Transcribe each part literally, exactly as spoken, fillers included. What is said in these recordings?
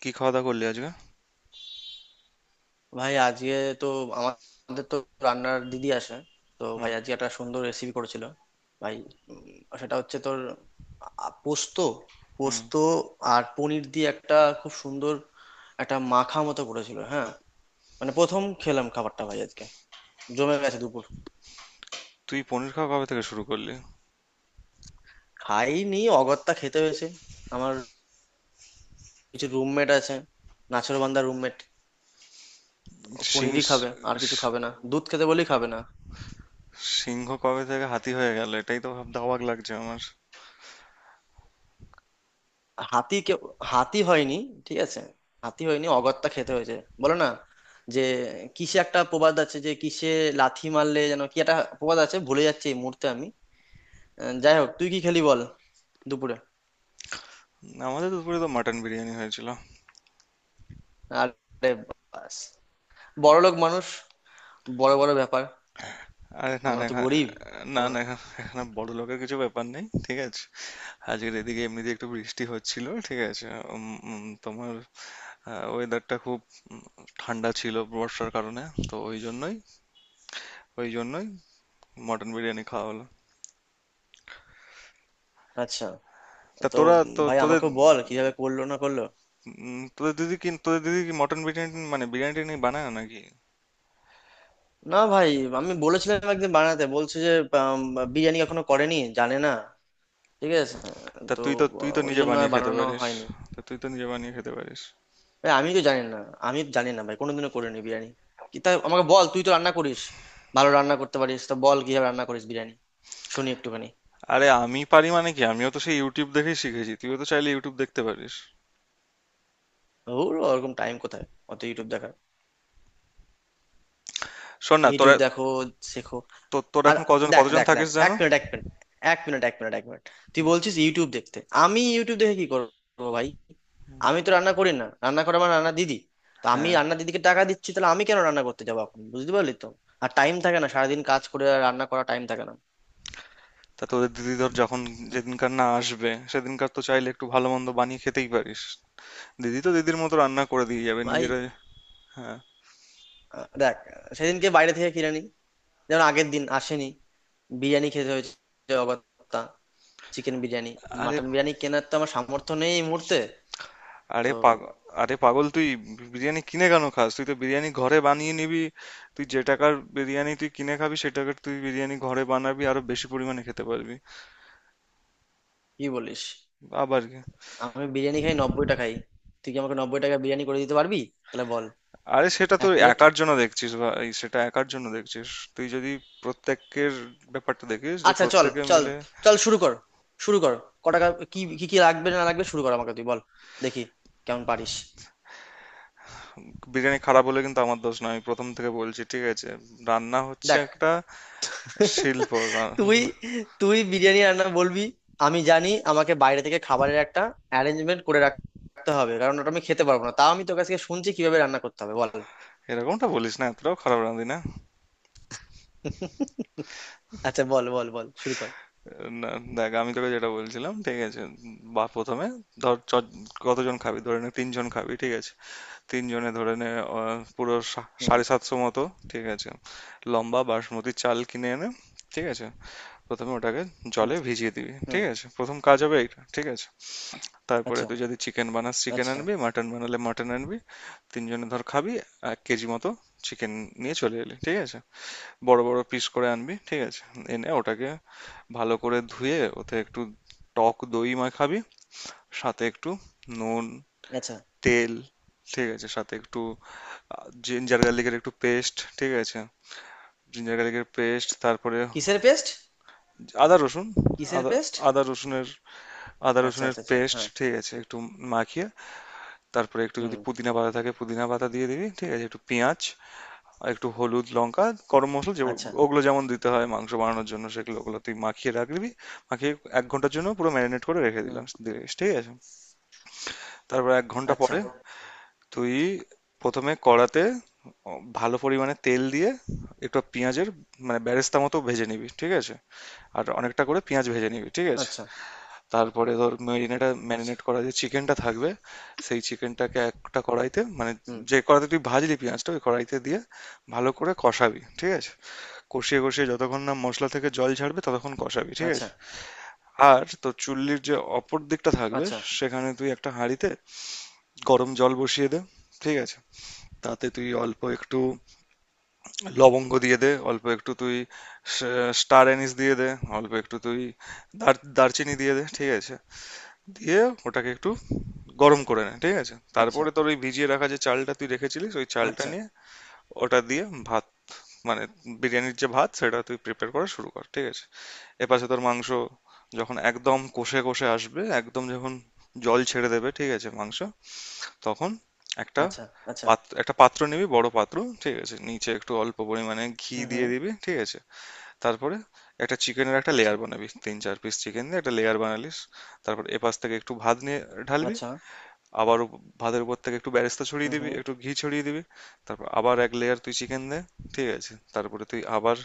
কি খাওয়া দাওয়া করলি আজকে? ভাই আজকে তো আমাদের তো রান্নার দিদি আসে। তো হুম। ভাই আজকে একটা সুন্দর রেসিপি করেছিল ভাই। উম, সেটা হচ্ছে তোর আ, পোস্ত হুম। পোস্ত আর পনির দিয়ে একটা খুব সুন্দর একটা মাখা মতো করেছিল, হ্যাঁ। মানে প্রথম খেলাম খাবারটা ভাই, আজকে জমে গেছে দুপুর। তুই পনির খাওয়া কবে থেকে শুরু করলি? খাইনি, অগত্যা খেতে হয়েছে। আমার কিছু রুমমেট আছে, নাছোড়বান্দার রুমমেট, সিং- পনিরই স- খাবে আর কিছু স- খাবে না, দুধ খেতে বলেই খাবে না। সিংহ কবে থেকে হাতি হয়ে গেল এটাই তো ভাব, অবাক লাগছে আমার। হাতি কেউ হাতি হয়নি, ঠিক আছে। হাতি হয়নি, অগত্যা খেতে হয়েছে। বলো না যে কিসে একটা প্রবাদ আছে, যে কিসে লাথি মারলে যেন, কি একটা প্রবাদ আছে, ভুলে যাচ্ছি এই মুহূর্তে আমি। আহ, যাই হোক, তুই কি খেলি বল দুপুরে। আমাদের দুপুরে তো মাটন বিরিয়ানি হয়েছিল। আরে, বাস, বড়লোক মানুষ, বড় বড় ব্যাপার। আরে না আমরা না, তো এখা- গরিব। না আমরা, না এখা- এখানে বড় লোকের কিছু ব্যাপার নেই, ঠিক আছে। আজকের এদিকে এমনিতে একটু বৃষ্টি হচ্ছিল, ঠিক আছে। উম, উম, তোমার ওয়েদারটা খুব ঠান্ডা ছিল বর্ষার কারণে, তো ওই জন্যই ওই জন্যই মটন বিরিয়ানি খাওয়া হলো। আচ্ছা। তা তো তোরা তো ভাই, তোদের আমাকেও বল কিভাবে করলো না করলো। উম, তোদের দিদি কি তোদের দিদি কি মটন বিরিয়ানি মানে বিরিয়ানি টিরিয়ানি বানায় না নাকি? না ভাই, আমি বলেছিলাম একদিন বানাতে, বলছে যে আম, বিরিয়ানি এখনো করেনি, জানে না, ঠিক আছে। তা তো তুই তো তুই আহ, তো ওই নিজে জন্য আর বানিয়ে খেতে বানানো পারিস। হয়নি। তা তুই তো নিজে বানিয়ে খেতে পারিস। ভাই আমি তো জানি না, আমি জানি না ভাই, কোনোদিনও করিনি বিরিয়ানি। কি তা আমাকে বল, তুই তো রান্না করিস, ভালো রান্না করতে পারিস, তো বল কিভাবে রান্না করিস বিরিয়ানি, শুনি একটুখানি। আরে আমি পারি মানে কি, আমিও তো সেই ইউটিউব দেখেই শিখেছি, তুইও তো চাইলে ইউটিউব দেখতে পারিস। ওর ওরকম টাইম কোথায় অত ইউটিউব দেখা। শোন না তোরা, ইউটিউব দেখো, শেখো। তো- তোরা আর এখন কজন দেখ কতজন দেখ দেখ, থাকিস, এক জানো? মিনিট এক মিনিট, এক মিনিট, এক মিনিট, এক মিনিট। তুই বলছিস ইউটিউব দেখতে, আমি ইউটিউব দেখে কি করবো ভাই? আমি তো রান্না করি না, রান্না করে আমার রান্না দিদি। তো আমি হ্যাঁ। রান্না দিদিকে টাকা দিচ্ছি, তাহলে আমি কেন রান্না করতে যাবো এখন, বুঝতে পারলি তো। আর টাইম থাকে না, সারাদিন কাজ করে আর রান্না করা টাইম থাকে না। তা তোদের দিদি, ধর যখন যেদিনকার না আসবে সেদিনকার তো চাইলে একটু ভালো মন্দ বানিয়ে খেতেই পারিস। দিদি তো দিদির মতো রান্না করে দিয়ে যাবে, ভাই, নিজেরা। হ্যাঁ। আহ, দেখ, সেদিনকে বাইরে থেকে কিনে নিই, যেমন আগের দিন আসেনি, বিরিয়ানি খেতে হয়েছে অগত্যা, চিকেন বিরিয়ানি। আরে! মাটন বিরিয়ানি কেনার তো আমার সামর্থ্য নেই এই মুহূর্তে। আরে তো পাগল আরে পাগল তুই বিরিয়ানি কিনে কেন খাস? তুই তো বিরিয়ানি ঘরে বানিয়ে নিবি। তুই যে টাকার বিরিয়ানি তুই কিনে খাবি, সে টাকার তুই বিরিয়ানি ঘরে বানাবি, আরো বেশি পরিমাণে খেতে পারবি। কি বলিস? আবার কি? আমি বিরিয়ানি খাই নব্বই টাকাই, তুই কি আমাকে নব্বই টাকা বিরিয়ানি করে দিতে পারবি? তাহলে বল। আরে সেটা তো এক প্লেট। একার জন্য দেখছিস ভাই, সেটা একার জন্য দেখছিস। তুই যদি প্রত্যেকের ব্যাপারটা দেখিস যে আচ্ছা, চল প্রত্যেকে চল, মিলে... চল শুরু কর, শুরু কর। ক টাকা, কি কি কি লাগবে না লাগবে, শুরু কর, আমাকে তুই বল, দেখি কেমন পারিস। বিরিয়ানি খারাপ হলে কিন্তু আমার দোষ না, আমি প্রথম থেকে বলছি, ঠিক আছে। রান্না হচ্ছে দেখ একটা শিল্প, তুই, রান্না। তুই বিরিয়ানি রান্না বলবি, আমি জানি আমাকে বাইরে থেকে খাবারের একটা অ্যারেঞ্জমেন্ট করে রাখতে হবে, কারণ ওটা আমি খেতে পারবো না। তাও আমি তোর কাছ থেকে শুনছি কিভাবে রান্না করতে হবে, বল। এরকমটা বলিস না, এতটাও খারাপ রাঁধি না। আচ্ছা বল বল বল, শুরু কর। না, দেখ আমি তোকে যেটা বলছিলাম, ঠিক আছে। বা প্রথমে ধর চ- কতজন খাবি ধরে নে, তিনজন খাবি ঠিক আছে, তিনজনে ধরে নে। আহ, পুরো সা- হুম। সাড়ে সাতশো মতো। ঠিক আছে। লম্বা বাসমতি চাল কিনে এনে, ঠিক আছে, প্রথমে ওটাকে হুম। জলে ভিজিয়ে দিবি, হুম। ঠিক আছে, প্রথম কাজ হবে এটা, ঠিক আছে। তারপরে আচ্ছা। তুই যদি চিকেন বানাস চিকেন আচ্ছা। আনবি, মাটন বানালে মাটন আনবি। তিনজনে ধর খাবি, এক কেজি মতো চিকেন নিয়ে চলে এলি, ঠিক আছে। বড় বড় পিস করে আনবি, ঠিক আছে। এনে ওটাকে ভালো করে ধুয়ে ওতে একটু টক দই মাখাবি, সাথে একটু নুন, আচ্ছা। তেল, ঠিক আছে, সাথে একটু জিঞ্জার গার্লিকের একটু পেস্ট, ঠিক আছে। জিঞ্জার গার্লিকের পেস্ট, তারপরে কিসের পেস্ট? আদা রসুন। কিসের আদা। পেস্ট? আদা রসুনের। আদা আচ্ছা রসুনের আচ্ছা আচ্ছা, পেস্ট, হ্যাঁ। ঠিক আছে, একটু মাখিয়ে। তারপরে একটু যদি হুম। পুদিনা পাতা থাকে পুদিনা পাতা দিয়ে দিবি, ঠিক আছে, একটু পেঁয়াজ, আর একটু হলুদ, লঙ্কা, গরম মশলা, যে আচ্ছা। ওগুলো যেমন দিতে হয় মাংস বানানোর জন্য সেগুলো, ওগুলো তুই মাখিয়ে রাখবি, মাখিয়ে এক ঘন্টার জন্য পুরো ম্যারিনেট করে রেখে হুম। দিলাম দিস, ঠিক আছে। তারপর এক ঘন্টা আচ্ছা। পরে তুই প্রথমে কড়াতে ভালো পরিমাণে তেল দিয়ে একটু পেঁয়াজের মানে বেরেস্তা মতো ভেজে নিবি, ঠিক আছে। আর অনেকটা করে পেঁয়াজ ভেজে নিবি, ঠিক আছে। আচ্ছা। তারপরে ধর ম্যারিনেটা আচ্ছা। ম্যারিনেট করা যে চিকেনটা থাকবে সেই চিকেনটাকে একটা কড়াইতে মানে হুম। যে কড়াইতে তুই ভাজলি পেঁয়াজটা ওই কড়াইতে দিয়ে ভালো করে কষাবি, ঠিক আছে। কষিয়ে কষিয়ে যতক্ষণ না মশলা থেকে জল ছাড়বে ততক্ষণ কষাবি, ঠিক আচ্ছা। আছে। আর তোর চুল্লির যে অপর দিকটা থাকবে আচ্ছা। সেখানে তুই একটা হাঁড়িতে গরম জল বসিয়ে দে, ঠিক আছে। তাতে তুই অল্প একটু লবঙ্গ দিয়ে দে, অল্প একটু তুই স্টার অ্যানিস দিয়ে দে, অল্প একটু তুই দার- দারচিনি দিয়ে দে, ঠিক আছে। দিয়ে ওটাকে একটু গরম করে নে, ঠিক আছে। আচ্ছা। তারপরে তোর ওই ভিজিয়ে রাখা যে চালটা তুই রেখেছিলিস ওই চালটা আচ্ছা। নিয়ে ওটা দিয়ে ভাত মানে বিরিয়ানির যে ভাত সেটা তুই প্রিপেয়ার করা শুরু কর, ঠিক আছে। এপাশে তোর মাংস যখন একদম কষে কষে আসবে, একদম যখন জল ছেড়ে দেবে, ঠিক আছে, মাংস, তখন একটা আচ্ছা। আচ্ছা। পাত্র একটা পাত্র নিবি, বড় পাত্র, ঠিক আছে। নিচে একটু অল্প পরিমাণে ঘি হুম। দিয়ে হুম। দিবি, ঠিক আছে। তারপরে একটা চিকেনের একটা আচ্ছা। লেয়ার বানাবি, তিন চার পিস চিকেন দিয়ে একটা লেয়ার বানালিস। তারপর এপাশ থেকে একটু ভাত নিয়ে ঢালবি। আচ্ছা। আবার উপ- ভাতের উপর থেকে একটু বেরেস্তা ছড়িয়ে হুম। দিবি, হুম। একটু ঘি ছড়িয়ে দিবি। তারপর আবার এক লেয়ার তুই চিকেন দে, ঠিক আছে। তারপরে তুই আবার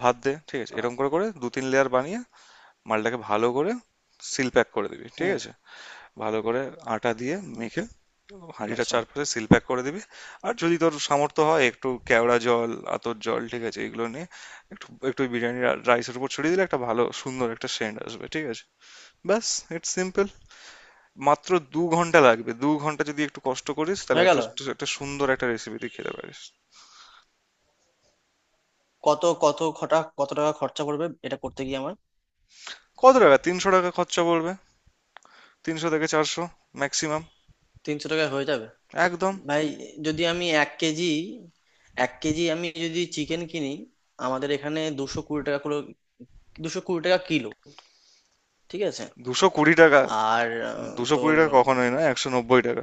ভাত দে, ঠিক আছে। আ-। এরকম করে করে দু তিন লেয়ার বানিয়ে মালটাকে ভালো করে সিল প্যাক করে দিবি, ঠিক হুম। আছে। ভালো করে আটা দিয়ে মেখে হাঁড়িটা আচ্ছা। চারপাশে সিল প্যাক করে দিবি। আর যদি তোর সামর্থ্য হয় একটু কেওড়া জল, আতর জল, ঠিক আছে, এগুলো নিয়ে একটু একটু বিরিয়ানি রাইসের উপর ছড়িয়ে দিলে একটা ভালো সুন্দর একটা সেন্ট আসবে, ঠিক আছে। ব্যাস, ইটস সিম্পল। মাত্র দু ঘন্টা লাগবে, দু ঘন্টা যদি একটু কষ্ট করিস তাহলে হয়ে এত গেল। একটা সুন্দর একটা রেসিপি তুই খেতে পারিস। কত কত খটা কত টাকা খরচা পড়বে এটা করতে গিয়ে আমার? কত টাকা? তিনশো টাকা খরচা পড়বে। তিনশো থেকে চারশো ম্যাক্সিমাম। তিনশো টাকায় হয়ে যাবে? একদম। ভাই যদি আমি এক কেজি, এক কেজি আমি যদি চিকেন কিনি, আমাদের এখানে দুশো কুড়ি টাকা কিলো। দুশো কুড়ি টাকা কিলো, ঠিক আছে। দুশো কুড়ি টাকা? আর আহ, দুশো কুড়ি তোর। টাকা কখনোই না, একশো নব্বই টাকা।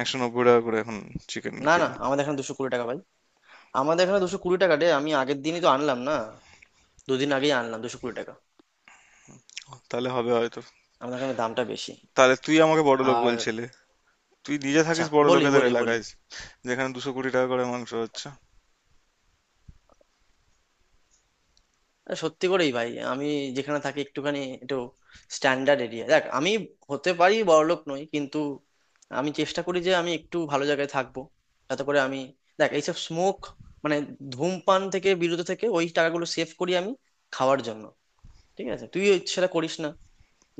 একশো নব্বই টাকা করে এখন চিকেন না না, কিলো। আমাদের এখানে দুশো কুড়ি টাকা ভাই, আমাদের এখানে দুশো কুড়ি টাকা রে, আমি আগের দিনই তো আনলাম না, দুদিন আগেই আনলাম দুশো কুড়ি টাকা। তাহলে হবে হয়তো। আমাদের এখানে দামটা বেশি। তাহলে তুই আমাকে বড় লোক আর বলছিলি? তুই নিজে আচ্ছা থাকিস বড় বলি লোকেদের বলি বলি, এলাকায় যেখানে দুশো কুড়ি টাকা করে মাংস হচ্ছে। আরে সত্যি করেই ভাই আমি যেখানে থাকি, একটুখানি, একটু স্ট্যান্ডার্ড এরিয়া, দেখ আমি হতে পারি বড়লোক নই, কিন্তু আমি চেষ্টা করি যে আমি একটু ভালো জায়গায় থাকবো, যাতে করে আমি, দেখ, এইসব স্মোক মানে ধূমপান থেকে বিরত থেকে ওই টাকাগুলো সেভ করি আমি খাওয়ার জন্য। ঠিক আছে, তুই সেটা করিস না,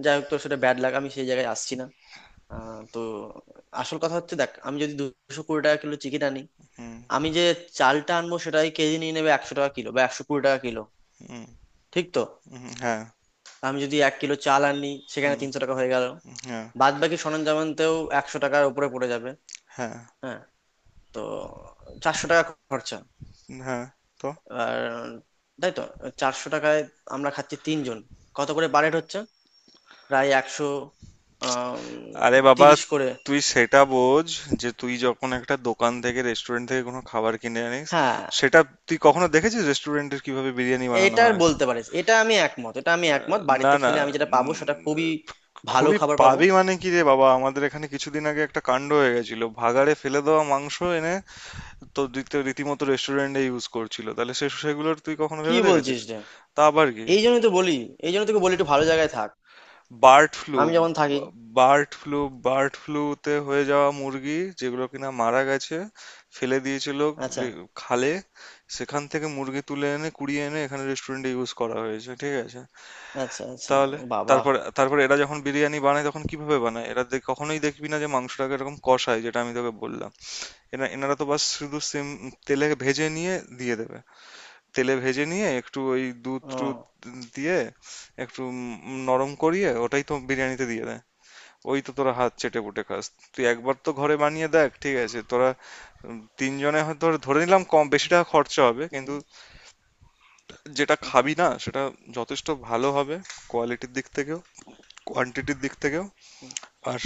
যাই হোক তোর সেটা ব্যাড লাগ, আমি সেই জায়গায় আসছি না। আহ, তো আসল কথা হচ্ছে, দেখ, আমি যদি দুশো কুড়ি টাকা কিলো চিকেন আনি, হুম। আমি যে চালটা আনবো সেটাই কেজি নিয়ে নেবে একশো টাকা কিলো বা একশো কুড়ি টাকা কিলো, হুম। ঠিক তো? হুম, হ্যাঁ। আমি যদি এক কিলো চাল আনি, সেখানে হুম। তিনশো টাকা হয়ে গেল। হ্যাঁ। বাদ বাকি সরঞ্জামানতেও একশো টাকার উপরে পড়ে যাবে। হ্যাঁ। হ্যাঁ, তো চারশো টাকা খরচা। হ্যাঁ। তো আর তাই তো, চারশো টাকায় আমরা খাচ্ছি তিনজন, কত করে বারেট হচ্ছে? প্রায় একশো আহ আরে বাবা, তিরিশ করে। তুই সেটা বোঝ যে তুই যখন একটা দোকান থেকে, রেস্টুরেন্ট থেকে কোনো খাবার কিনে আনিস, হ্যাঁ। সেটা তুই কখনো দেখেছিস রেস্টুরেন্টের কিভাবে বিরিয়ানি বানানো এটার হয়? বলতে পারিস, এটা আমি একমত, এটা আমি আহ, একমত, না বাড়িতে না। খেলে আমি যেটা পাবো সেটা উম, খুবই ভালো খুবই খাবার পাবো। পাবি মানে কি রে বাবা, আমাদের এখানে কিছুদিন আগে একটা কাণ্ড হয়ে গেছিল, ভাগাড়ে ফেলে দেওয়া মাংস এনে তো দিতে, রীতিমতো রেস্টুরেন্টে ইউজ করছিল, তাহলে সে সেগুলোর তুই কখনো কি ভেবে দেখেছিস? বলছিস রে? তা আবার কি? এই জন্যই তো বলি, এই জন্য তোকে বলি একটু ভালো জায়গায় থাক বার্ড ফ্লু, আমি যেমন থাকি। বার্ড ফ্লু, বার্ড ফ্লুতে হয়ে যাওয়া মুরগি যেগুলো কিনা মারা গেছে, ফেলে দিয়েছিল আচ্ছা লে- খালে, সেখান থেকে মুরগি তুলে এনে, কুড়িয়ে এনে এখানে রেস্টুরেন্টে ইউজ করা হয়েছে, ঠিক আছে। আচ্ছা আচ্ছা। তাহলে? ও বাবা। তারপরে তারপরে এরা যখন বিরিয়ানি বানায় তখন কিভাবে বানায়? এরা দে কখনোই দেখবি না যে মাংসটাকে এরকম কষায় যেটা আমি তোকে বললাম। এরা, এনারা তো বাস শুধু সিম তেলে ভেজে নিয়ে দিয়ে দেবে। তেলে ভেজে নিয়ে একটু ওই দুধ টুধ ও। দিয়ে একটু উম নরম করিয়ে ওটাই তো বিরিয়ানিতে দিয়ে দেয়। ওই তো তোরা হাত চেটেপুটে খাস। তুই একবার তো ঘরে বানিয়ে দেখ, ঠিক আছে। তোরা উম, তিনজনে হয়তো ধরে নিলাম কম বেশি টাকা খরচা হবে হুম কিন্তু হুম। যেটা হুম, খাবি না সেটা যথেষ্ট ভালো হবে, কোয়ালিটির দিক থেকেও, কোয়ান্টিটির দিক থেকেও। হুম। আর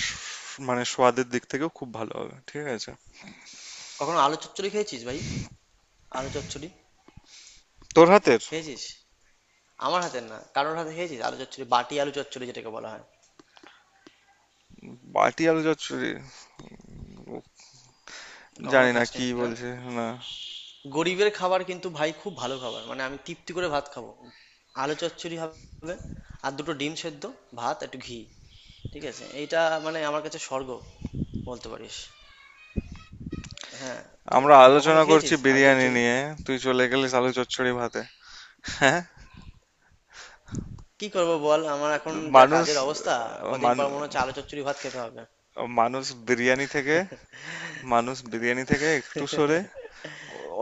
মানে স্বাদের দিক থেকেও খুব ভালো হবে, ঠিক আছে। কখনো আলু চচ্চড়ি খেয়েছিস ভাই? আলু চচ্চড়ি তোর হাতের খেয়েছিস? আমার হাতের না, কারোর হাতে খেয়েছিস আলু চচ্চড়ি, বাটি আলু চচ্চড়ি যেটাকে বলা হয়? বাটি আলু চচ্চড়ি? উফ, কখনো জানি না খাসনি কি না? বলছে। না, গরিবের খাবার কিন্তু ভাই, খুব ভালো খাবার, মানে আমি তৃপ্তি করে ভাত খাবো। আলু চচ্চড়ি হবে, আর দুটো ডিম সেদ্ধ, ভাত, একটু ঘি, ঠিক আছে, এইটা মানে আমার কাছে স্বর্গ বলতে পারিস। হ্যাঁ। তো আমরা কখনো আলোচনা করছি খেয়েছিস আলু বিরিয়ানি চচ্চড়ি? নিয়ে, তুই চলে গেলিস আলু চচ্চড়ি ভাতে। হ্যাঁ। কি করবো বল, আমার এখন যা মানুষ কাজের অবস্থা, আহ, কদিন পর মানু- মনে হচ্ছে আলু চচ্চড়ি ভাত খেতে হবে। মানুষ বিরিয়ানি থেকে মানুষ বিরিয়ানি থেকে একটু সরে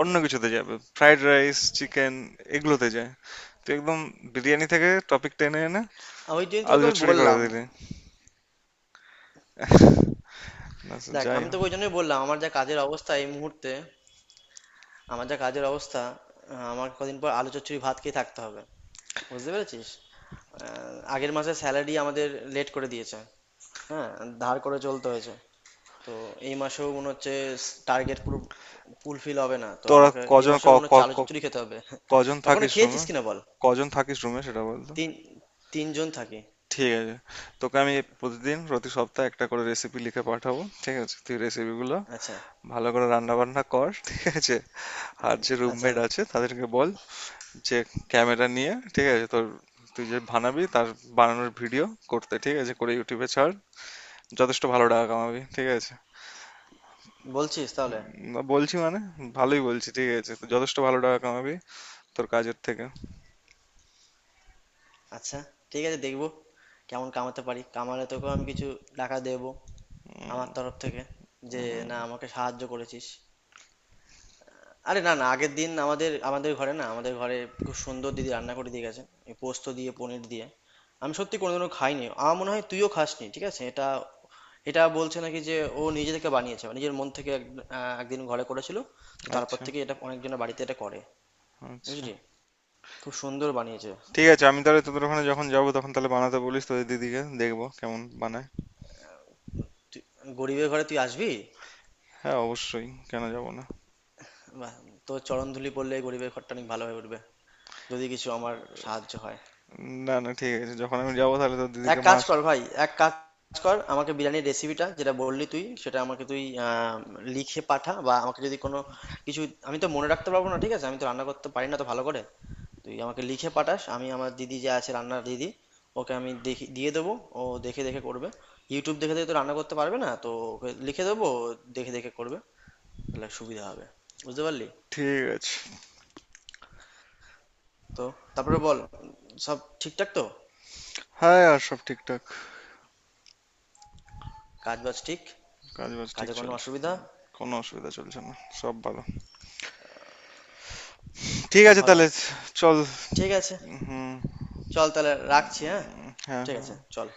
অন্য কিছুতে যাবে, ফ্রাইড রাইস, চিকেন, এগুলোতে যায়। তুই একদম বিরিয়ানি থেকে টপিক টেনে এনে আর ওই জন্য তো আলু তোকে আমি চচ্চড়ি করে বললাম, দিলি। না সে দেখ যাই আমি হোক, তোকে ওই জন্যই বললাম, আমার যা কাজের অবস্থা এই মুহূর্তে, আমার যা কাজের অবস্থা, আহ, আমার কদিন পর আলু চচ্চড়ি ভাত খেয়ে থাকতে হবে, বুঝতে পেরেছিস? আহ, আগের মাসে স্যালারি আমাদের লেট করে দিয়েছে, হ্যাঁ, ধার করে চলতে হয়েছে। তো এই মাসেও মনে হচ্ছে টার্গেট পুরো ফুলফিল হবে না, তো তোরা আমাকে এই কজন মাসেও ক- মনে হচ্ছে ক- আলু ক- চচ্চড়ি খেতে হবে। কজন কখনো থাকিস খেয়েছিস রুমে? কিনা বল। কজন থাকিস রুমে সেটা বল তো? তিন, তিনজন থাকি। ঠিক আছে। তোকে আমি প্রতিদিন, প্রতি সপ্তাহে একটা করে রেসিপি লিখে পাঠাবো। ঠিক আছে? তুই রেসিপিগুলো আচ্ছা। ভালো করে রান্না বান্না কর। ঠিক আছে? আর যে আচ্ছা। রুমমেট আছে তাদেরকে বল যে ক্যামেরা নিয়ে, ঠিক আছে, তোর তুই যে বানাবি তার বানানোর ভিডিও করতে, ঠিক আছে, করে ইউটিউবে ছাড়। যথেষ্ট ভালো টাকা কামাবি। ঠিক আছে? বলছিস তাহলে? উম, বলছি মানে ভালোই বলছি, ঠিক আছে। তো যথেষ্ট ভালো টাকা কামাবি তোর কাজের থেকে। আচ্ছা, ঠিক আছে, দেখবো কেমন কামাতে পারি, কামালে তোকেও আমি কিছু টাকা দেবো আমার তরফ থেকে, যে না, আমাকে সাহায্য করেছিস। আরে না না, আগের দিন আমাদের আমাদের ঘরে, না, আমাদের ঘরে খুব সুন্দর দিদি রান্না করে দিয়ে গেছে, এই পোস্ত দিয়ে পনির দিয়ে। আমি সত্যি কোনোদিনও খাইনি, আমার মনে হয় তুইও খাসনি, ঠিক আছে। এটা এটা বলছে নাকি যে ও নিজে থেকে বানিয়েছে, মানে নিজের মন থেকে এক- আহ, একদিন ঘরে করেছিল, তো তারপর আচ্ছা, থেকে এটা অনেকজনের বাড়িতে এটা করে, আচ্ছা। বুঝলি, খুব সুন্দর বানিয়েছে। ঠিক আছে, আমি তাহলে তোদের ওখানে যখন যাব তখন তাহলে বানাতে বলিস তোদের দিদিকে, দেখবো কেমন বানায়। তুই গরিবের ঘরে তুই আসবি? হ্যাঁ অবশ্যই, কেন যাব না। বাহ, তোর চরণ ধুলি পড়লে এই গরিবের ঘরটা অনেক ভালো হয়ে উঠবে, যদি কিছু আমার সাহায্য হয়। না না, ঠিক আছে, যখন আমি যাব তাহলে তোর এক দিদিকে কাজ মাস... কর ভাই, এক কাজ কর, আমাকে বিরিয়ানির রেসিপিটা যেটা বললি তুই, সেটা আমাকে তুই আহ, লিখে পাঠা, বা আমাকে যদি কোনো কিছু, আমি তো মনে রাখতে পারবো না, ঠিক আছে, আমি তো রান্না করতে পারি না, তো ভালো করে তুই আমাকে লিখে পাঠাস, আমি আমার দিদি যে আছে রান্নার দিদি, ওকে আমি দেখি দিয়ে দেবো, ও দেখে দেখে করবে, ইউটিউব দেখে দেখে তো রান্না করতে পারবে না, তো ওকে লিখে দেবো, ও দেখে দেখে করবে, তাহলে সুবিধা হবে, বুঝতে পারলি। ঠিক আছে। তো তারপরে বল, সব ঠিকঠাক তো? হ্যাঁ, আর সব ঠিকঠাক। কাজ বাজ ঠিক? কাজ বাজ ঠিক কাজে কোনো চলছে। অসুবিধা? কোনো অসুবিধা চলছে না, সব ভালো। ঠিক সব আছে ভালো, তাহলে। চল। ঠিক আছে, হুম। চল তাহলে, রাখছি, হ্যাঁ, হ্যাঁ ঠিক আছে, হ্যাঁ। চল।